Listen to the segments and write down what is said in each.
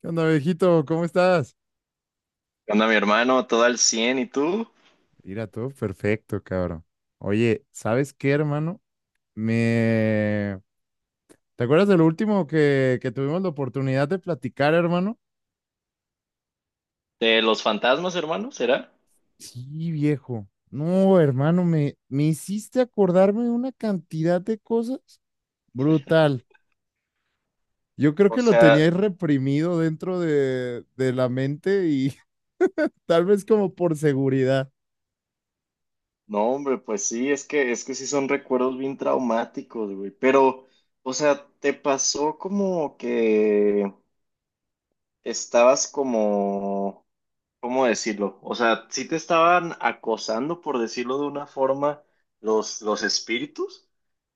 ¿Qué onda, viejito? ¿Cómo estás? ¿Qué onda, mi hermano? Todo al cien, ¿y tú? Mira, todo perfecto, cabrón. Oye, ¿sabes qué, hermano? Me... ¿Te acuerdas de lo último que tuvimos la oportunidad de platicar, hermano? ¿De los fantasmas, hermano? ¿Será? Sí, viejo. No, hermano, me hiciste acordarme de una cantidad de cosas brutal. Yo creo O que lo tenía sea, ahí reprimido dentro de la mente y tal vez como por seguridad. no, hombre, pues sí, es que sí son recuerdos bien traumáticos, güey. Pero, o sea, ¿te pasó como que estabas como, cómo decirlo? O sea, ¿sí te estaban acosando, por decirlo de una forma, los espíritus?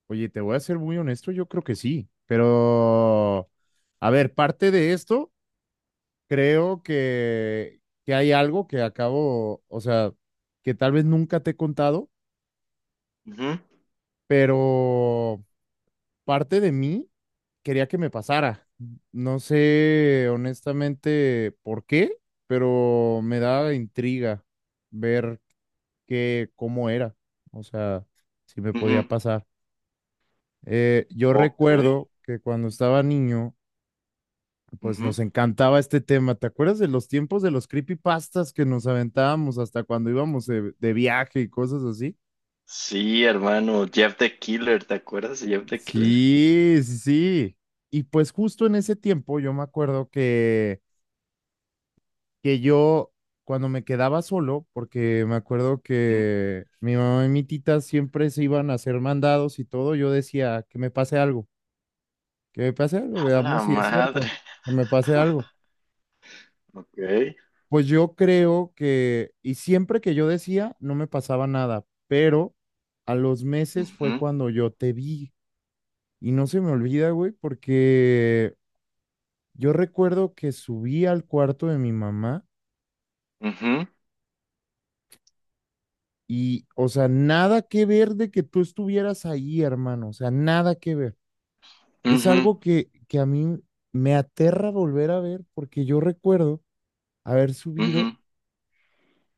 Oye, te voy a ser muy honesto, yo creo que sí, pero... A ver, parte de esto creo que hay algo que acabo, o sea, que tal vez nunca te he contado, Ujú, pero parte de mí quería que me pasara. No sé honestamente por qué, pero me da intriga ver qué, cómo era, o sea, si me podía ujú. pasar. Yo Ok. recuerdo que cuando estaba niño, pues nos Ujú. encantaba este tema. ¿Te acuerdas de los tiempos de los creepypastas que nos aventábamos hasta cuando íbamos de viaje y cosas así? Sí, hermano, Jeff the Killer, ¿te acuerdas de Jeff the Killer? Sí, sí, sí. Y pues justo en ese tiempo yo me acuerdo que yo cuando me quedaba solo, porque me acuerdo que mi mamá y mi tita siempre se iban a hacer mandados y todo, yo decía que me pase algo, que me pase algo, A la veamos si es cierto, madre. que me pase algo. Ok. Pues yo creo que, y siempre que yo decía, no me pasaba nada, pero a los meses fue Ujú, cuando yo te vi. Y no se me olvida, güey, porque yo recuerdo que subí al cuarto de mi mamá ujú, y, o sea, nada que ver de que tú estuvieras ahí, hermano, o sea, nada que ver. Es ujú, algo que a mí me aterra volver a ver porque yo recuerdo haber subido, ujú,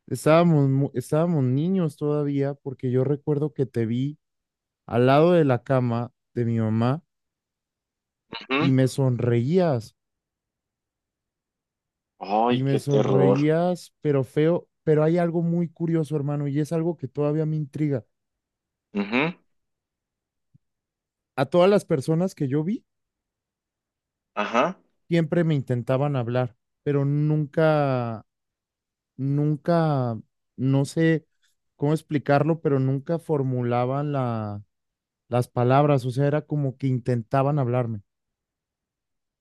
estábamos niños todavía, porque yo recuerdo que te vi al lado de la cama de mi mamá y ujú. me sonreías, y Ay, me qué terror. sonreías, pero feo, pero hay algo muy curioso, hermano, y es algo que todavía me intriga. Ujú. A todas las personas que yo vi, Ajá. siempre me intentaban hablar, pero nunca, nunca, no sé cómo explicarlo, pero nunca formulaban las palabras, o sea, era como que intentaban hablarme.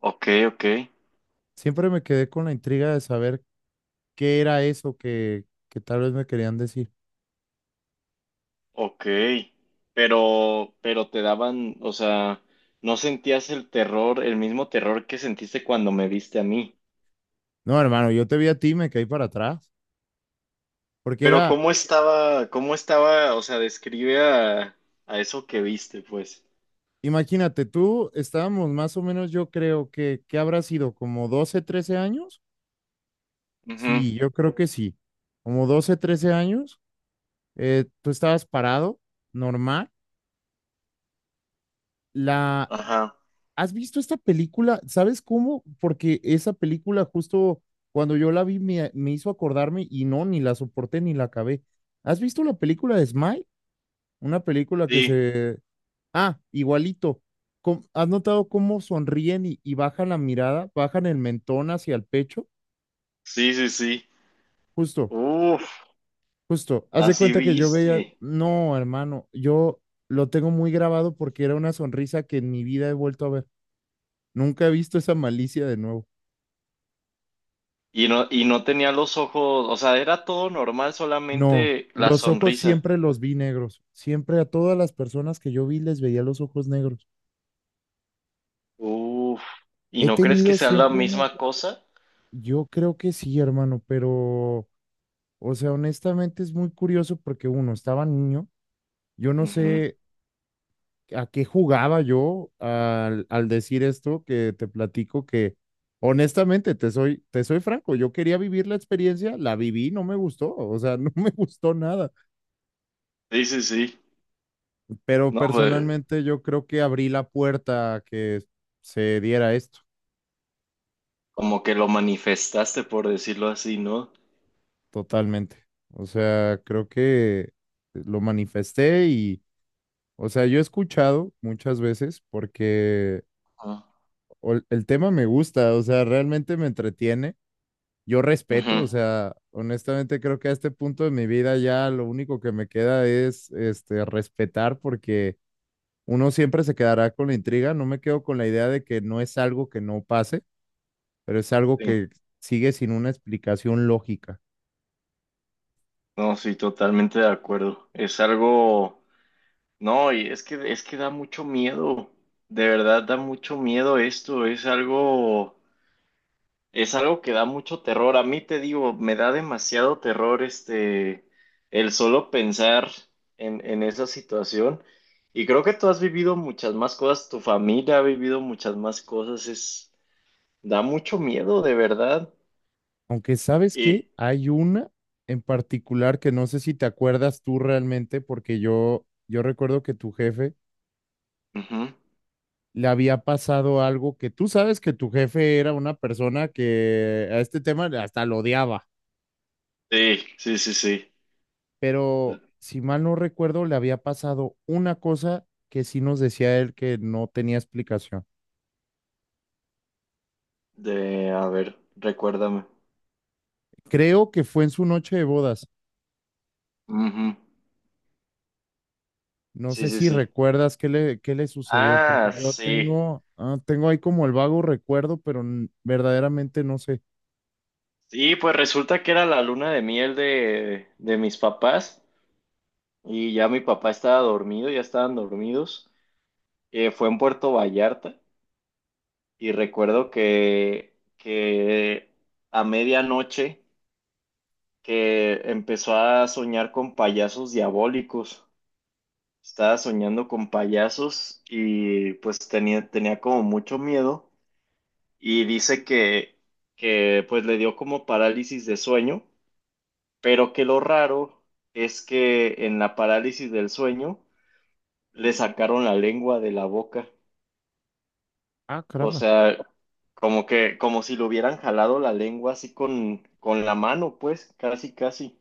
Ok, ok, Siempre me quedé con la intriga de saber qué era eso que tal vez me querían decir. ok. Pero te daban, o sea, no sentías el terror, el mismo terror que sentiste cuando me viste a mí. No, hermano, yo te vi a ti, me caí para atrás, porque Pero era, cómo estaba, o sea, describe a eso que viste, pues. imagínate, tú estábamos más o menos, yo creo que, ¿qué habrá sido? ¿Como 12, 13 años? Ujú. Sí, yo creo que sí, como 12, 13 años, tú estabas parado, normal. La, Ajá. ¿has visto esta película? ¿Sabes cómo? Porque esa película justo cuando yo la vi me hizo acordarme y no, ni la soporté ni la acabé. ¿Has visto la película de Smile? Una película que Sí, se... ¡Ah, igualito! ¿Has notado cómo sonríen y bajan la mirada, bajan el mentón hacia el pecho? sí, sí, sí. Justo, Uf, justo. Haz de así cuenta que yo veía, viste. no, hermano, yo lo tengo muy grabado porque era una sonrisa que en mi vida he vuelto a ver. Nunca he visto esa malicia de nuevo. Y no tenía los ojos, o sea, era todo normal, No, solamente la los ojos sonrisa. siempre los vi negros. Siempre a todas las personas que yo vi les veía los ojos negros. Uf, ¿y He no crees que tenido sea la siempre una, misma cosa? yo creo que sí, hermano, pero, o sea, honestamente es muy curioso porque uno, estaba niño. Yo no Ujú. sé a qué jugaba yo al decir esto que te platico que honestamente te soy franco, yo quería vivir la experiencia, la viví, no me gustó, o sea, no me gustó nada, Sí, sí, sí. pero No, pues personalmente yo creo que abrí la puerta a que se diera esto como que lo manifestaste, por decirlo así, ¿no? totalmente. O sea, creo que lo manifesté y, o sea, yo he escuchado muchas veces porque Ah. El tema me gusta, o sea, realmente me entretiene. Yo respeto, o Ujú. sea, honestamente creo que a este punto de mi vida ya lo único que me queda es este respetar, porque uno siempre se quedará con la intriga, no me quedo con la idea de que no es algo que no pase, pero es algo Sí, que sigue sin una explicación lógica. no, sí, totalmente de acuerdo. Es algo, no, y es que da mucho miedo, de verdad da mucho miedo esto, es algo. Es algo que da mucho terror. A mí te digo, me da demasiado terror este, el solo pensar en esa situación. Y creo que tú has vivido muchas más cosas, tu familia ha vivido muchas más cosas. Es, da mucho miedo, de verdad. Aunque sabes que Y hay una en particular que no sé si te acuerdas tú realmente, porque yo recuerdo que tu jefe ujú, le había pasado algo, que tú sabes que tu jefe era una persona que a este tema hasta lo odiaba. sí, sí, sí, sí. Pero si mal no recuerdo, le había pasado una cosa que sí nos decía él que no tenía explicación. De, a ver, recuérdame. Creo que fue en su noche de bodas. Ujú. No Sí, sé sí, si sí. recuerdas qué le sucedió, porque Ah, yo sí. tengo, ah, tengo ahí como el vago recuerdo, pero verdaderamente no sé. Sí, pues resulta que era la luna de miel de mis papás. Y ya mi papá estaba dormido, ya estaban dormidos. Fue en Puerto Vallarta y recuerdo que a medianoche, que empezó a soñar con payasos diabólicos. Estaba soñando con payasos y pues tenía, tenía como mucho miedo y dice que pues le dio como parálisis de sueño, pero que lo raro es que en la parálisis del sueño le sacaron la lengua de la boca. Ah, O caramba. sea, como que, como si lo hubieran jalado la lengua así con la mano, pues, casi, casi.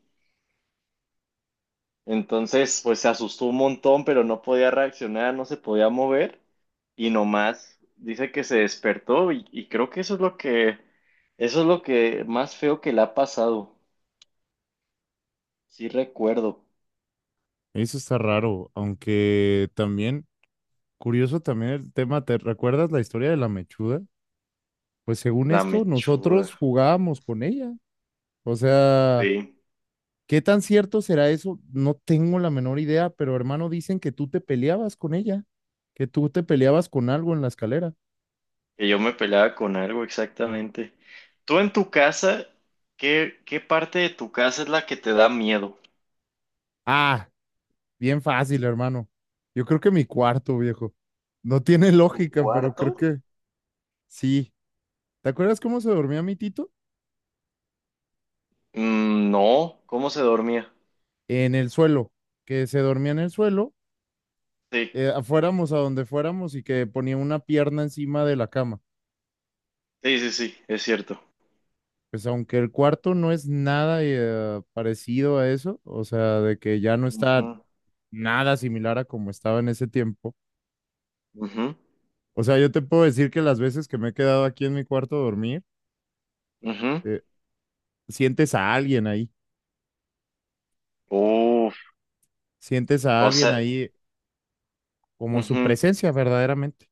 Entonces, pues se asustó un montón, pero no podía reaccionar, no se podía mover. Y nomás dice que se despertó y creo que eso es lo que más feo que le ha pasado. Sí recuerdo, Eso está raro, aunque también, curioso también el tema, ¿te recuerdas la historia de la mechuda? Pues según la esto, mechuda. nosotros jugábamos con ella. O sea, Sí, ¿qué tan cierto será eso? No tengo la menor idea, pero hermano, dicen que tú te peleabas con ella, que tú te peleabas con algo en la escalera. que yo me peleaba con algo, exactamente. Tú en tu casa, ¿qué, qué parte de tu casa es la que te da miedo? Ah, bien fácil, hermano. Yo creo que mi cuarto, viejo. No tiene ¿Tu lógica, pero creo cuarto? que sí. ¿Te acuerdas cómo se dormía mi tito? Mm, no, ¿cómo se dormía? En el suelo, que se dormía en el suelo, Sí, fuéramos a donde fuéramos y que ponía una pierna encima de la cama. sí, sí, sí, es cierto. Pues aunque el cuarto no es nada parecido a eso, o sea, de que ya no está Ujú, nada similar a como estaba en ese tiempo. ujú, O sea, yo te puedo decir que las veces que me he quedado aquí en mi cuarto a dormir, ujú. eh, sientes a alguien ahí, Uf, sientes a o alguien sea, ahí como su ujú. presencia verdaderamente.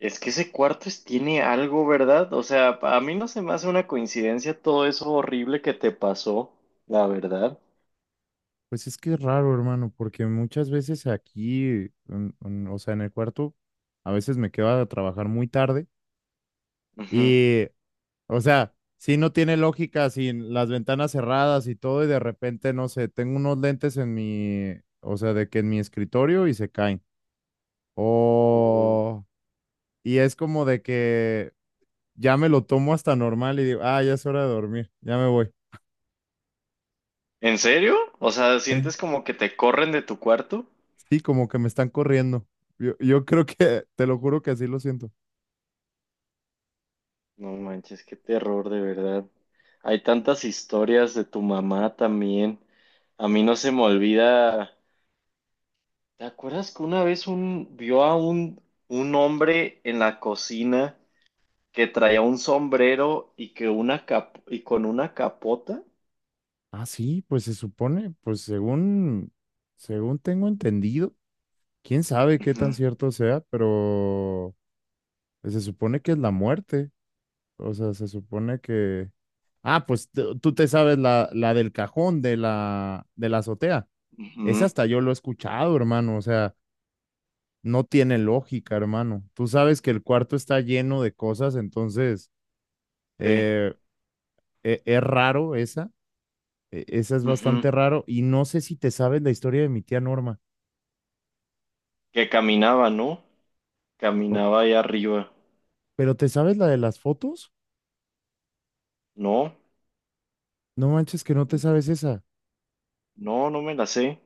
Es que ese cuarto es, tiene algo, ¿verdad? O sea, a mí no se me hace una coincidencia todo eso horrible que te pasó, la verdad. Pues es que es raro, hermano, porque muchas veces aquí, o sea, en el cuarto, a veces me quedo a trabajar muy tarde Ujú. y, o sea, si no tiene lógica, sin las ventanas cerradas y todo, y de repente, no sé, tengo unos lentes en mi, o sea, de que en mi escritorio y se caen Uh. o... Y es como de que ya me lo tomo hasta normal y digo, ah, ya es hora de dormir, ya me voy. ¿En serio? O sea, ¿sientes como que te corren de tu cuarto? Sí, como que me están corriendo. Yo creo que, te lo juro que así lo siento. No manches, qué terror, de verdad. Hay tantas historias de tu mamá también. A mí no se me olvida. ¿Te acuerdas que una vez un vio a un hombre en la cocina que traía un sombrero y que una y con una capota? Ah, sí, pues se supone, pues según, según tengo entendido, quién sabe qué tan Ujú, cierto sea, pero pues, se supone que es la muerte. O sea, se supone que... Ah, pues tú te sabes la, la del cajón de la azotea. Esa ujú, hasta yo lo he escuchado, hermano. O sea, no tiene lógica, hermano. Tú sabes que el cuarto está lleno de cosas, entonces sí, eh, es raro esa, esa es bastante ujú. raro. Y no sé si te sabes la historia de mi tía Norma, Que caminaba, ¿no? o- Caminaba ahí arriba. pero ¿te sabes la de las fotos? No, No manches que no te sabes esa. no, no me la sé.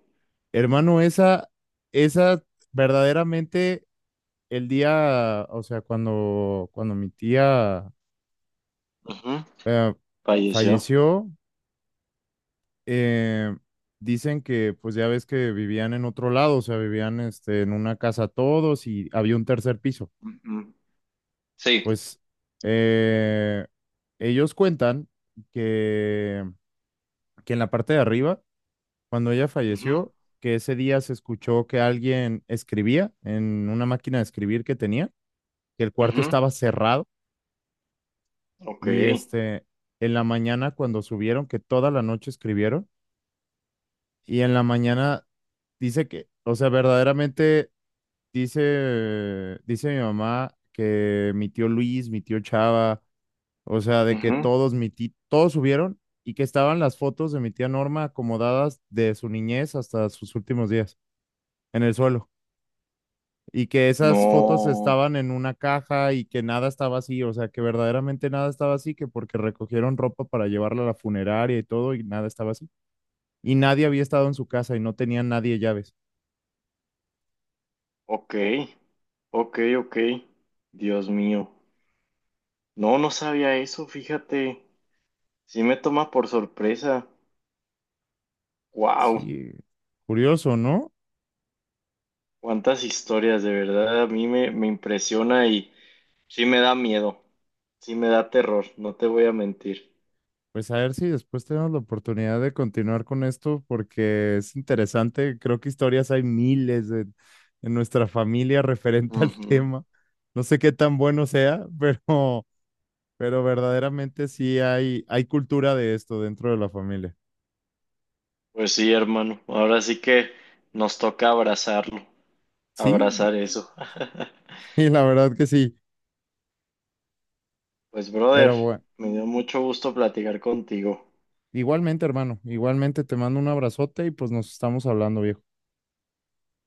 Hermano, esa verdaderamente el día, o sea, cuando, cuando mi tía Ujú. eh, Falleció. falleció, eh, dicen que pues ya ves que vivían en otro lado, o sea, vivían este, en una casa todos y había un tercer piso. Ujú. Sí. Pues eh, ellos cuentan que, que en la parte de arriba, cuando ella Ujú. falleció, que ese día se escuchó que alguien escribía en una máquina de escribir que tenía, que el cuarto Ujú. estaba cerrado Ok. y este, en la mañana cuando subieron, que toda la noche escribieron y en la mañana dice que, o sea, verdaderamente... Dice mi mamá que mi tío Luis, mi tío Chava, o sea, de que Ujú. Todos subieron y que estaban las fotos de mi tía Norma acomodadas de su niñez hasta sus últimos días en el suelo y que esas fotos No. estaban en una caja y que nada estaba así, o sea, que verdaderamente nada estaba así, que porque recogieron ropa para llevarla a la funeraria y todo y nada estaba así. Y nadie había estado en su casa y no tenía nadie llaves. Ok. Ok, ok. Dios mío. No, no sabía eso, fíjate. Sí me toma por sorpresa. Wow. Sí, curioso, ¿no? Cuántas historias, de verdad. A mí me impresiona y sí me da miedo. Sí me da terror, no te voy a mentir. Pues a ver si después tenemos la oportunidad de continuar con esto porque es interesante. Creo que historias hay miles en nuestra familia referente al Ujú. tema. No sé qué tan bueno sea, pero verdaderamente sí hay cultura de esto dentro de la familia. Pues sí, hermano. Ahora sí que nos toca abrazarlo. Sí, Abrazar eso. y la verdad que sí. Pues, brother, Pero bueno, me dio mucho gusto platicar contigo. igualmente, hermano, igualmente te mando un abrazote y pues nos estamos hablando, viejo.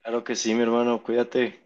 Claro que sí, mi hermano, cuídate.